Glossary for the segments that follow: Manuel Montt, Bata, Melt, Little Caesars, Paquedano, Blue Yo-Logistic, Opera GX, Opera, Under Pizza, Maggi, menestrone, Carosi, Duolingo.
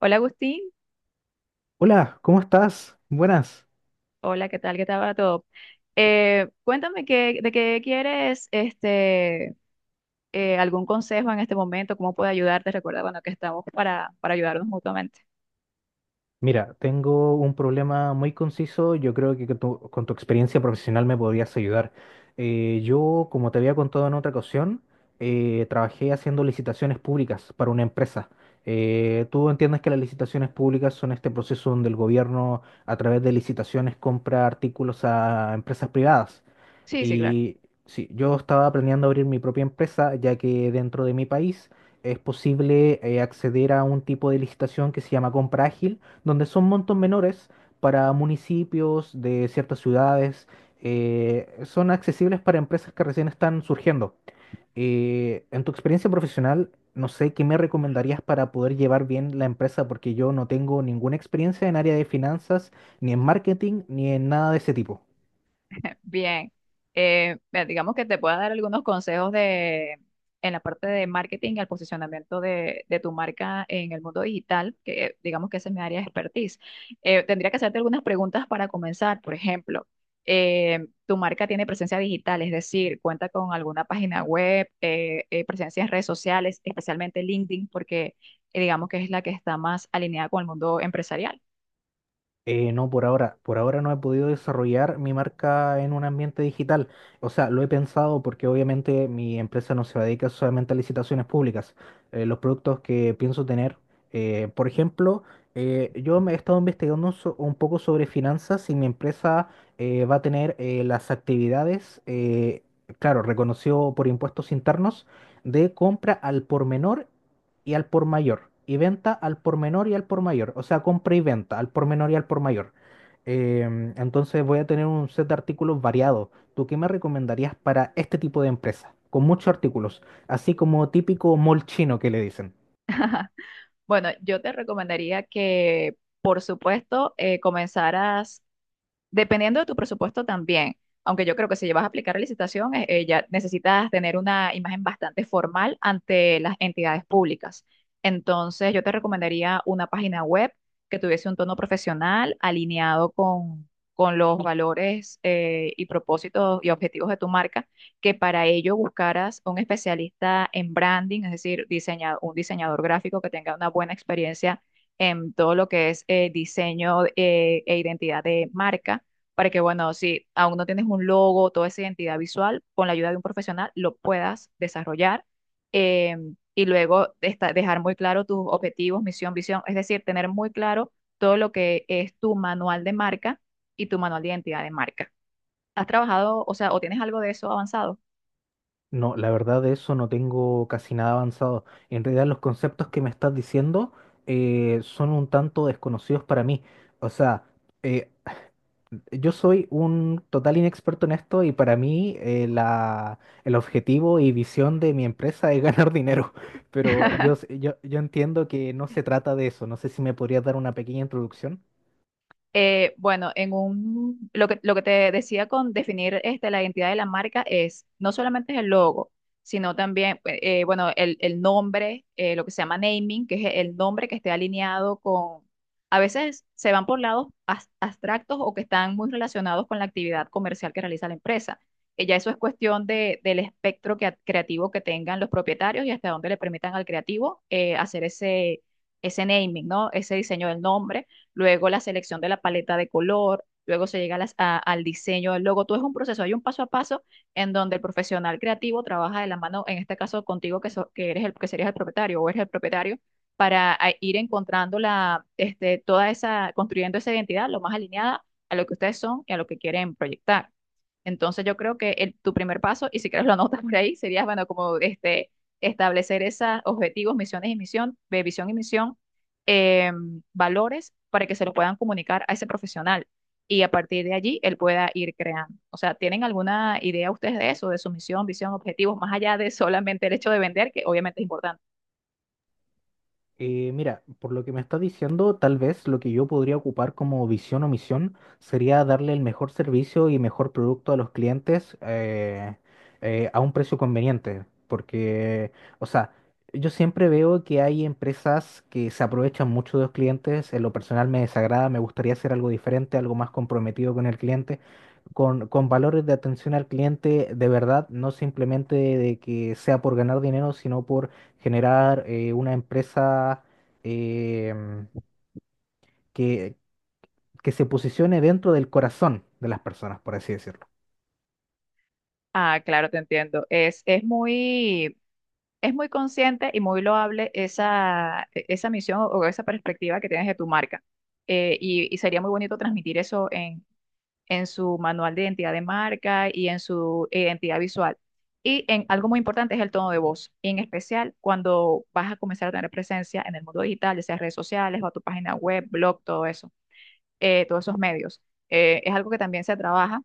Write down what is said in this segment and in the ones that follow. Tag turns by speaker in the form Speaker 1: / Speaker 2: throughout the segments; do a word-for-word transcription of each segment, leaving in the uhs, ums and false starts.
Speaker 1: Hola Agustín,
Speaker 2: Hola, ¿cómo estás? Buenas.
Speaker 1: hola, ¿qué tal? ¿Qué tal va todo? Eh, cuéntame qué, de qué quieres este, eh, algún consejo en este momento, cómo puedo ayudarte. Recuerda, bueno, que estamos para, para ayudarnos mutuamente.
Speaker 2: Mira, tengo un problema muy conciso. Yo creo que tú- con tu experiencia profesional me podrías ayudar. Eh, yo, como te había contado en otra ocasión, eh, trabajé haciendo licitaciones públicas para una empresa. Eh, tú entiendes que las licitaciones públicas son este proceso donde el gobierno, a través de licitaciones, compra artículos a empresas privadas.
Speaker 1: Sí, sí, claro.
Speaker 2: Y sí, yo estaba planeando abrir mi propia empresa, ya que dentro de mi país es posible eh, acceder a un tipo de licitación que se llama compra ágil, donde son montos menores para municipios de ciertas ciudades. Eh, son accesibles para empresas que recién están surgiendo. Eh, en tu experiencia profesional, no sé qué me recomendarías para poder llevar bien la empresa, porque yo no tengo ninguna experiencia en área de finanzas, ni en marketing, ni en nada de ese tipo.
Speaker 1: Bien, eh, mira, digamos que te pueda dar algunos consejos de, en la parte de marketing y el posicionamiento de, de tu marca en el mundo digital, que eh, digamos que esa es mi área de expertise. Eh, tendría que hacerte algunas preguntas para comenzar. Por ejemplo, eh, tu marca tiene presencia digital, es decir, cuenta con alguna página web, eh, eh, presencia en redes sociales, especialmente LinkedIn, porque eh, digamos que es la que está más alineada con el mundo empresarial.
Speaker 2: Eh, no, por ahora. Por ahora no he podido desarrollar mi marca en un ambiente digital. O sea, lo he pensado porque obviamente mi empresa no se dedica solamente a licitaciones públicas. Eh, los productos que pienso tener, eh, por ejemplo, eh, yo me he estado investigando so- un poco sobre finanzas y mi empresa eh, va a tener eh, las actividades, eh, claro, reconocido por impuestos internos, de compra al por menor y al por mayor, y venta al por menor y al por mayor, o sea, compra y venta al por menor y al por mayor. Em, entonces voy a tener un set de artículos variado. ¿Tú qué me recomendarías para este tipo de empresa? Con muchos artículos, así como típico mall chino que le dicen.
Speaker 1: Bueno, yo te recomendaría que, por supuesto, eh, comenzaras dependiendo de tu presupuesto también, aunque yo creo que si vas a aplicar la licitación, eh, eh, ya necesitas tener una imagen bastante formal ante las entidades públicas. Entonces, yo te recomendaría una página web que tuviese un tono profesional alineado con, con los valores eh, y propósitos y objetivos de tu marca, que para ello buscaras un especialista en branding, es decir, diseña- un diseñador gráfico que tenga una buena experiencia en todo lo que es eh, diseño eh, e identidad de marca para que, bueno, si aún no tienes un logo, toda esa identidad visual, con la ayuda de un profesional lo puedas desarrollar eh, y luego esta- dejar muy claro tus objetivos, misión, visión, es decir, tener muy claro todo lo que es tu manual de marca y tu manual de identidad de marca. ¿Has trabajado, o sea, o tienes algo de eso avanzado?
Speaker 2: No, la verdad de eso no tengo casi nada avanzado. En realidad los conceptos que me estás diciendo eh, son un tanto desconocidos para mí. O sea, eh, yo soy un total inexperto en esto y para mí eh, la, el objetivo y visión de mi empresa es ganar dinero, pero yo, s- yo, yo entiendo que no se trata de eso. No sé si me podrías dar una pequeña introducción.
Speaker 1: Eh, bueno, en un, lo que, lo que te decía con definir este, la identidad de la marca es no solamente es el logo, sino también, eh, eh, bueno, el, el nombre, eh, lo que se llama naming, que es el nombre que esté alineado con, a veces se van por lados as- abstractos o que están muy relacionados con la actividad comercial que realiza la empresa. Eh, ya eso es cuestión de, del espectro que- creativo que tengan los propietarios y hasta dónde le permitan al creativo eh, hacer ese, ese naming, ¿no? Ese diseño del nombre luego la selección de la paleta de color, luego se llega a las- a- al diseño del logo. Todo es un proceso, hay un paso a paso en donde el profesional creativo trabaja de la mano, en este caso contigo, que, so- que eres el, que serías el propietario o eres el propietario, para ah, ir encontrando la, este, toda esa, construyendo esa identidad lo más alineada a lo que ustedes son y a lo que quieren proyectar. Entonces yo creo que el- tu primer paso, y si quieres lo anotas por ahí, sería, bueno, como este, establecer esos objetivos, misiones y misión, de visión y misión eh, valores para que se lo puedan comunicar a ese profesional y a partir de allí él pueda ir creando. O sea, ¿tienen alguna idea ustedes de eso, de su misión, visión, objetivos, más allá de solamente el hecho de vender, que obviamente es importante?
Speaker 2: Eh, mira, por lo que me está diciendo, tal vez lo que yo podría ocupar como visión o misión sería darle el mejor servicio y mejor producto a los clientes eh, eh, a un precio conveniente. Porque, o sea, yo siempre veo que hay empresas que se aprovechan mucho de los clientes. En lo personal me desagrada, me gustaría hacer algo diferente, algo más comprometido con el cliente con, con valores de atención al cliente de verdad, no simplemente de que sea por ganar dinero, sino por generar eh, una empresa em, que, que se posicione dentro del corazón de las personas, por así decirlo.
Speaker 1: Ah, claro, te entiendo. Es, es muy, es muy consciente y muy loable esa, e- esa misión o esa perspectiva que tienes de tu marca. Eh, y, y sería muy bonito transmitir eso en su manual de identidad de marca y en su identidad visual. Y en algo muy importante es el tono de voz, y en especial cuando vas a comenzar a tener presencia en el mundo digital, ya sea redes sociales o a tu página web, blog, todo eso, eh, todos esos medios. Eh, es algo que también se trabaja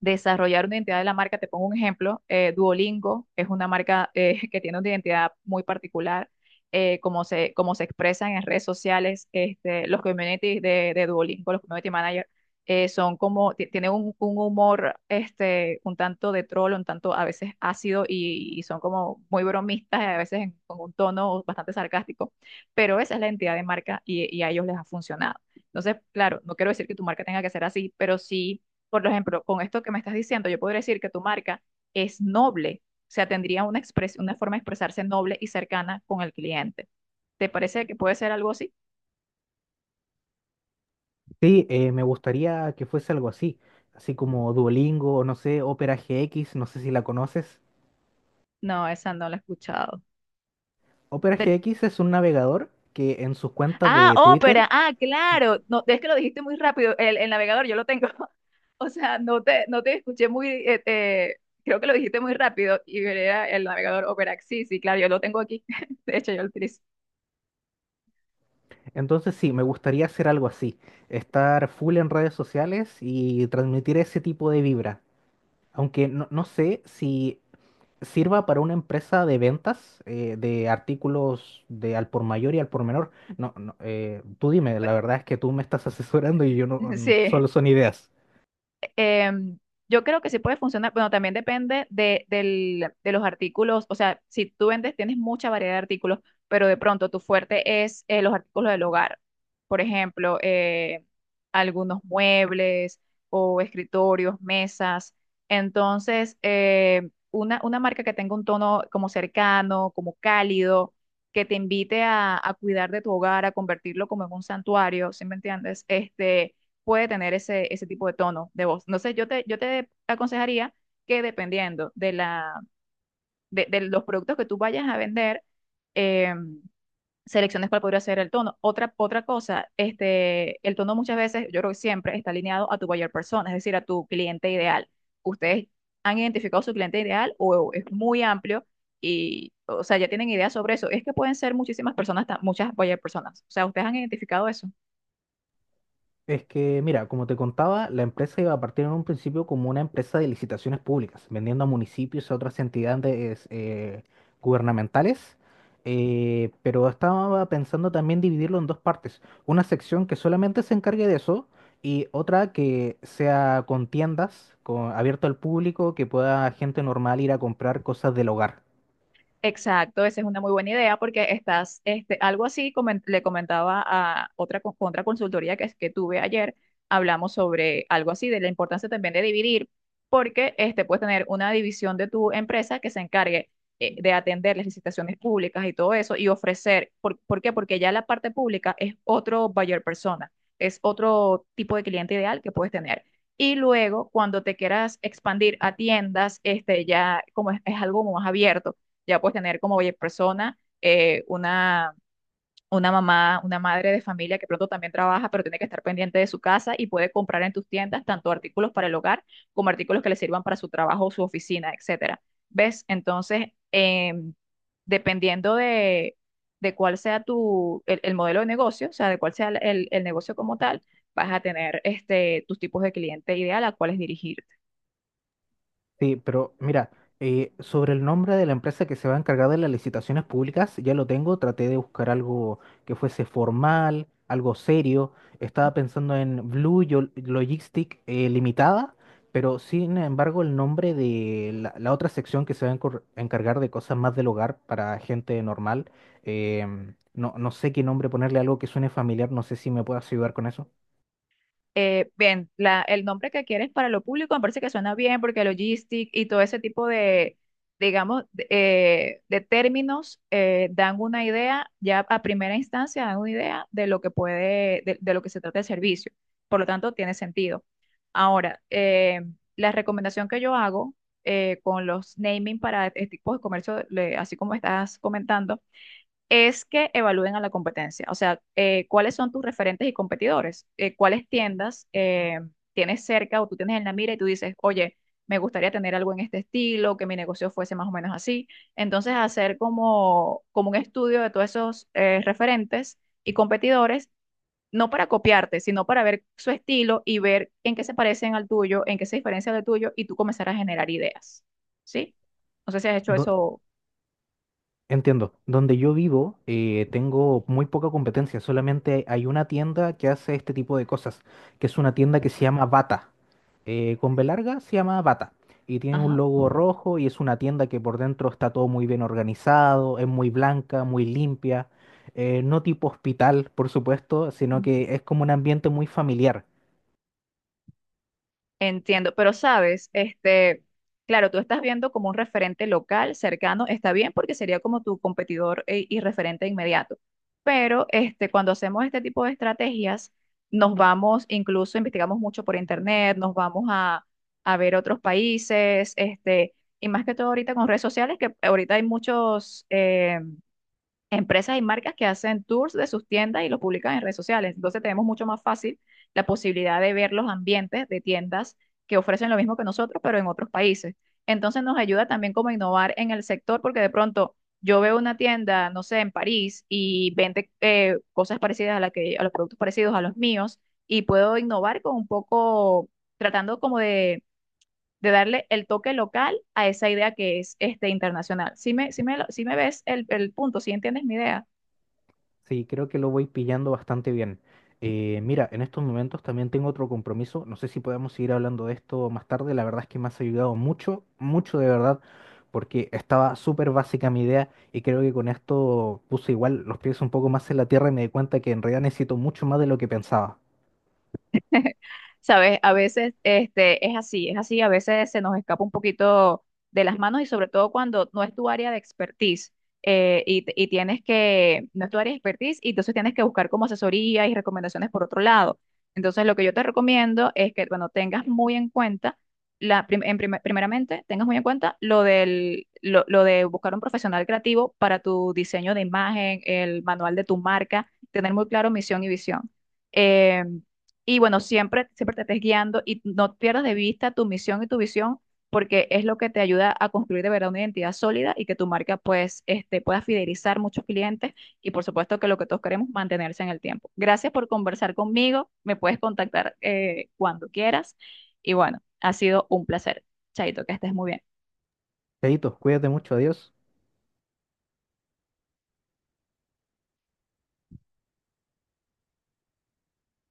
Speaker 1: desarrollar una identidad de la marca. Te pongo un ejemplo, eh, Duolingo es una marca eh, que tiene una identidad muy particular, eh, como se, como se expresan en redes sociales, este, los communities de, de Duolingo, los community managers, eh, son como, ti- tienen un, un humor este, un tanto de troll, un tanto a veces ácido y, y son como muy bromistas, a veces en- con un tono bastante sarcástico, pero esa es la identidad de marca y, y a ellos les ha funcionado. Entonces, claro, no quiero decir que tu marca tenga que ser así, pero sí por ejemplo, con esto que me estás diciendo, yo podría decir que tu marca es noble, o sea, tendría una, expres- una forma de expresarse noble y cercana con el cliente. ¿Te parece que puede ser algo así?
Speaker 2: Sí, eh, me gustaría que fuese algo así, así como Duolingo, o no sé, Opera G X, no sé si la conoces.
Speaker 1: No, esa no la he escuchado.
Speaker 2: Opera
Speaker 1: Te
Speaker 2: G X es un navegador que en sus cuentas
Speaker 1: Ah,
Speaker 2: de Twitter,
Speaker 1: Opera, ah,
Speaker 2: y-
Speaker 1: claro. No, es que lo dijiste muy rápido. El, el navegador, yo lo tengo. O sea, no te, no te escuché muy, eh, eh, creo que lo dijiste muy rápido. Y era el navegador Opera. Sí, sí, claro, yo lo tengo aquí. De hecho, yo lo utilizo.
Speaker 2: entonces sí, me gustaría hacer algo así, estar full en redes sociales y transmitir ese tipo de vibra. Aunque no, no sé si sirva para una empresa de ventas eh, de artículos de al por mayor y al por menor. No, no, eh, tú dime, la verdad es que tú me estás asesorando y yo no, no- solo
Speaker 1: Sí,
Speaker 2: son ideas.
Speaker 1: em, yo creo que sí puede funcionar. Bueno, también depende de, del- de los artículos. O sea, si tú vendes, tienes mucha variedad de artículos, pero de pronto tu fuerte es eh, los artículos del hogar. Por ejemplo, eh, algunos muebles o escritorios, mesas. Entonces, eh, una, una marca que tenga un tono como cercano, como cálido, que te invite a, a cuidar de tu hogar, a convertirlo como en un santuario, ¿sí me entiendes? Este puede tener ese, ese tipo de tono de voz. Entonces, yo te, yo te aconsejaría que dependiendo de, la, de, de los productos que tú vayas a vender, eh, selecciones cuál podría ser el tono. Otra, otra cosa, este, el tono muchas veces, yo creo que siempre está alineado a tu buyer persona, es decir, a tu cliente ideal. Ustedes han identificado su cliente ideal o es muy amplio y, o sea, ya tienen ideas sobre eso. Es que pueden ser muchísimas personas, ta- muchas buyer personas. O sea, ustedes han identificado eso.
Speaker 2: Es que, mira, como te contaba, la empresa iba a partir en un principio como una empresa de licitaciones públicas, vendiendo a municipios y otras entidades eh, gubernamentales, eh, pero estaba pensando también dividirlo en dos partes, una sección que solamente se encargue de eso y otra que sea con tiendas, con, abierto al público, que pueda gente normal ir a comprar cosas del hogar.
Speaker 1: Exacto, esa es una muy buena idea porque estás, este, algo así comen- le comentaba a otra, co- otra consultoría que, es- que tuve ayer, hablamos sobre algo así de la importancia también de dividir, porque este, puedes tener una división de tu empresa que se encargue eh, de atender las licitaciones públicas y todo eso y ofrecer, ¿por, por qué? Porque ya la parte pública es otro buyer persona, es otro tipo de cliente ideal que puedes tener. Y luego, cuando te quieras expandir a tiendas, este, ya como es es algo más abierto ya puedes tener como oye, persona, eh, una, una mamá, una madre de familia que pronto también trabaja, pero tiene que estar pendiente de su casa y puede comprar en tus tiendas tanto artículos para el hogar como artículos que le sirvan para su trabajo, su oficina, etcétera. ¿Ves? Entonces, em, dependiendo de, de cuál sea tu, el, el modelo de negocio, o sea, de cuál sea el, el- el negocio como tal, vas a tener este, tus tipos de cliente ideal a cuáles dirigirte.
Speaker 2: Sí, pero mira, eh, sobre el nombre de la empresa que se va a encargar de las licitaciones públicas, ya lo tengo, traté de buscar algo que fuese formal, algo serio. Estaba pensando en Blue Yo- Logistic eh, Limitada, pero sin embargo el nombre de la, la otra sección que se va a encor- encargar de cosas más del hogar para gente normal, em, no, no sé qué nombre ponerle, algo que suene familiar, no sé si me puedes ayudar con eso.
Speaker 1: eh, bien, la, el nombre que quieres para lo público me parece que suena bien porque logistic y todo ese tipo de, digamos, de, eh, de términos eh, dan una idea, ya a primera instancia dan una idea de lo que puede, de, de lo que se trata el servicio. Por lo tanto, tiene sentido. Ahora, eh, la recomendación que yo hago eh, con los naming para este tipo de comercio, le- así como estás comentando, es que evalúen a la competencia. O sea, eh, ¿cuáles son tus referentes y competidores? Eh, ¿cuáles tiendas eh, tienes cerca o tú tienes en la mira y tú dices, oye, me gustaría tener algo en este estilo, que mi negocio fuese más o menos así? Entonces, hacer como, como un estudio de todos esos eh, referentes y competidores. No para copiarte, sino para ver su estilo y ver en qué se parecen al tuyo, en qué se diferencia del tuyo, y tú comenzar a generar ideas. ¿Sí? No sé si has hecho eso.
Speaker 2: Entiendo. Donde yo vivo, eh, tengo muy poca competencia. Solamente hay una tienda que hace este tipo de cosas, que es una tienda que se llama Bata. Eh, con B larga se llama Bata. Y tiene un
Speaker 1: Ajá.
Speaker 2: logo rojo y es una tienda que por dentro está todo muy bien organizado, es muy blanca, muy limpia. eh, no tipo hospital, por supuesto, sino que es como un ambiente muy familiar.
Speaker 1: Entiendo, pero sabes, este, claro, tú estás viendo como un referente local cercano, está bien porque sería como tu competidor e- y referente inmediato. Pero este, cuando hacemos este tipo de estrategias, nos vamos, incluso investigamos mucho por internet, nos vamos a, a ver otros países, este, y más que todo ahorita con redes sociales, que ahorita hay muchos eh, empresas y marcas que hacen tours de sus tiendas y los publican en redes sociales. Entonces tenemos mucho más fácil la posibilidad de ver los ambientes de tiendas que ofrecen lo mismo que nosotros, pero en otros países. Entonces nos ayuda también como a innovar en el sector, porque de pronto yo veo una tienda, no sé, en París y vende eh, cosas parecidas a la que, a los productos parecidos a los míos, y puedo innovar con un poco, tratando como de, de darle el toque local a esa idea que es este internacional. Si me, sí me, lo- sí me ves el, el punto, si entiendes mi idea.
Speaker 2: Sí, creo que lo voy pillando bastante bien. Eh, mira, en estos momentos también tengo otro compromiso. No sé si podemos seguir hablando de esto más tarde. La verdad es que me has ayudado mucho, mucho de verdad, porque estaba súper básica mi idea y creo que con esto puse igual los pies un poco más en la tierra y me di cuenta que en realidad necesito mucho más de lo que pensaba.
Speaker 1: Sabes, a veces este, es así, es así, a veces se nos escapa un poquito de las manos y sobre todo cuando no es tu área de expertise eh, y, t- y tienes que, no es tu área de expertise y entonces tienes que buscar como asesoría y recomendaciones por otro lado. Entonces lo que yo te recomiendo es que, bueno, tengas muy en cuenta, la, prim- en primer- primeramente, tengas muy en cuenta lo del, lo, lo de buscar un profesional creativo para tu diseño de imagen, el manual de tu marca, tener muy claro misión y visión. Em, y bueno, siempre, siempre te estés guiando y no pierdas de vista tu misión y tu visión, porque es lo que te ayuda a construir de verdad una identidad sólida y que tu marca pues este, pueda fidelizar muchos clientes y por supuesto que lo que todos queremos, mantenerse en el tiempo. Gracias por conversar conmigo, me puedes contactar eh, cuando quieras y bueno, ha sido un placer. Chaito, que estés muy bien.
Speaker 2: Chaito, cuídate mucho, adiós.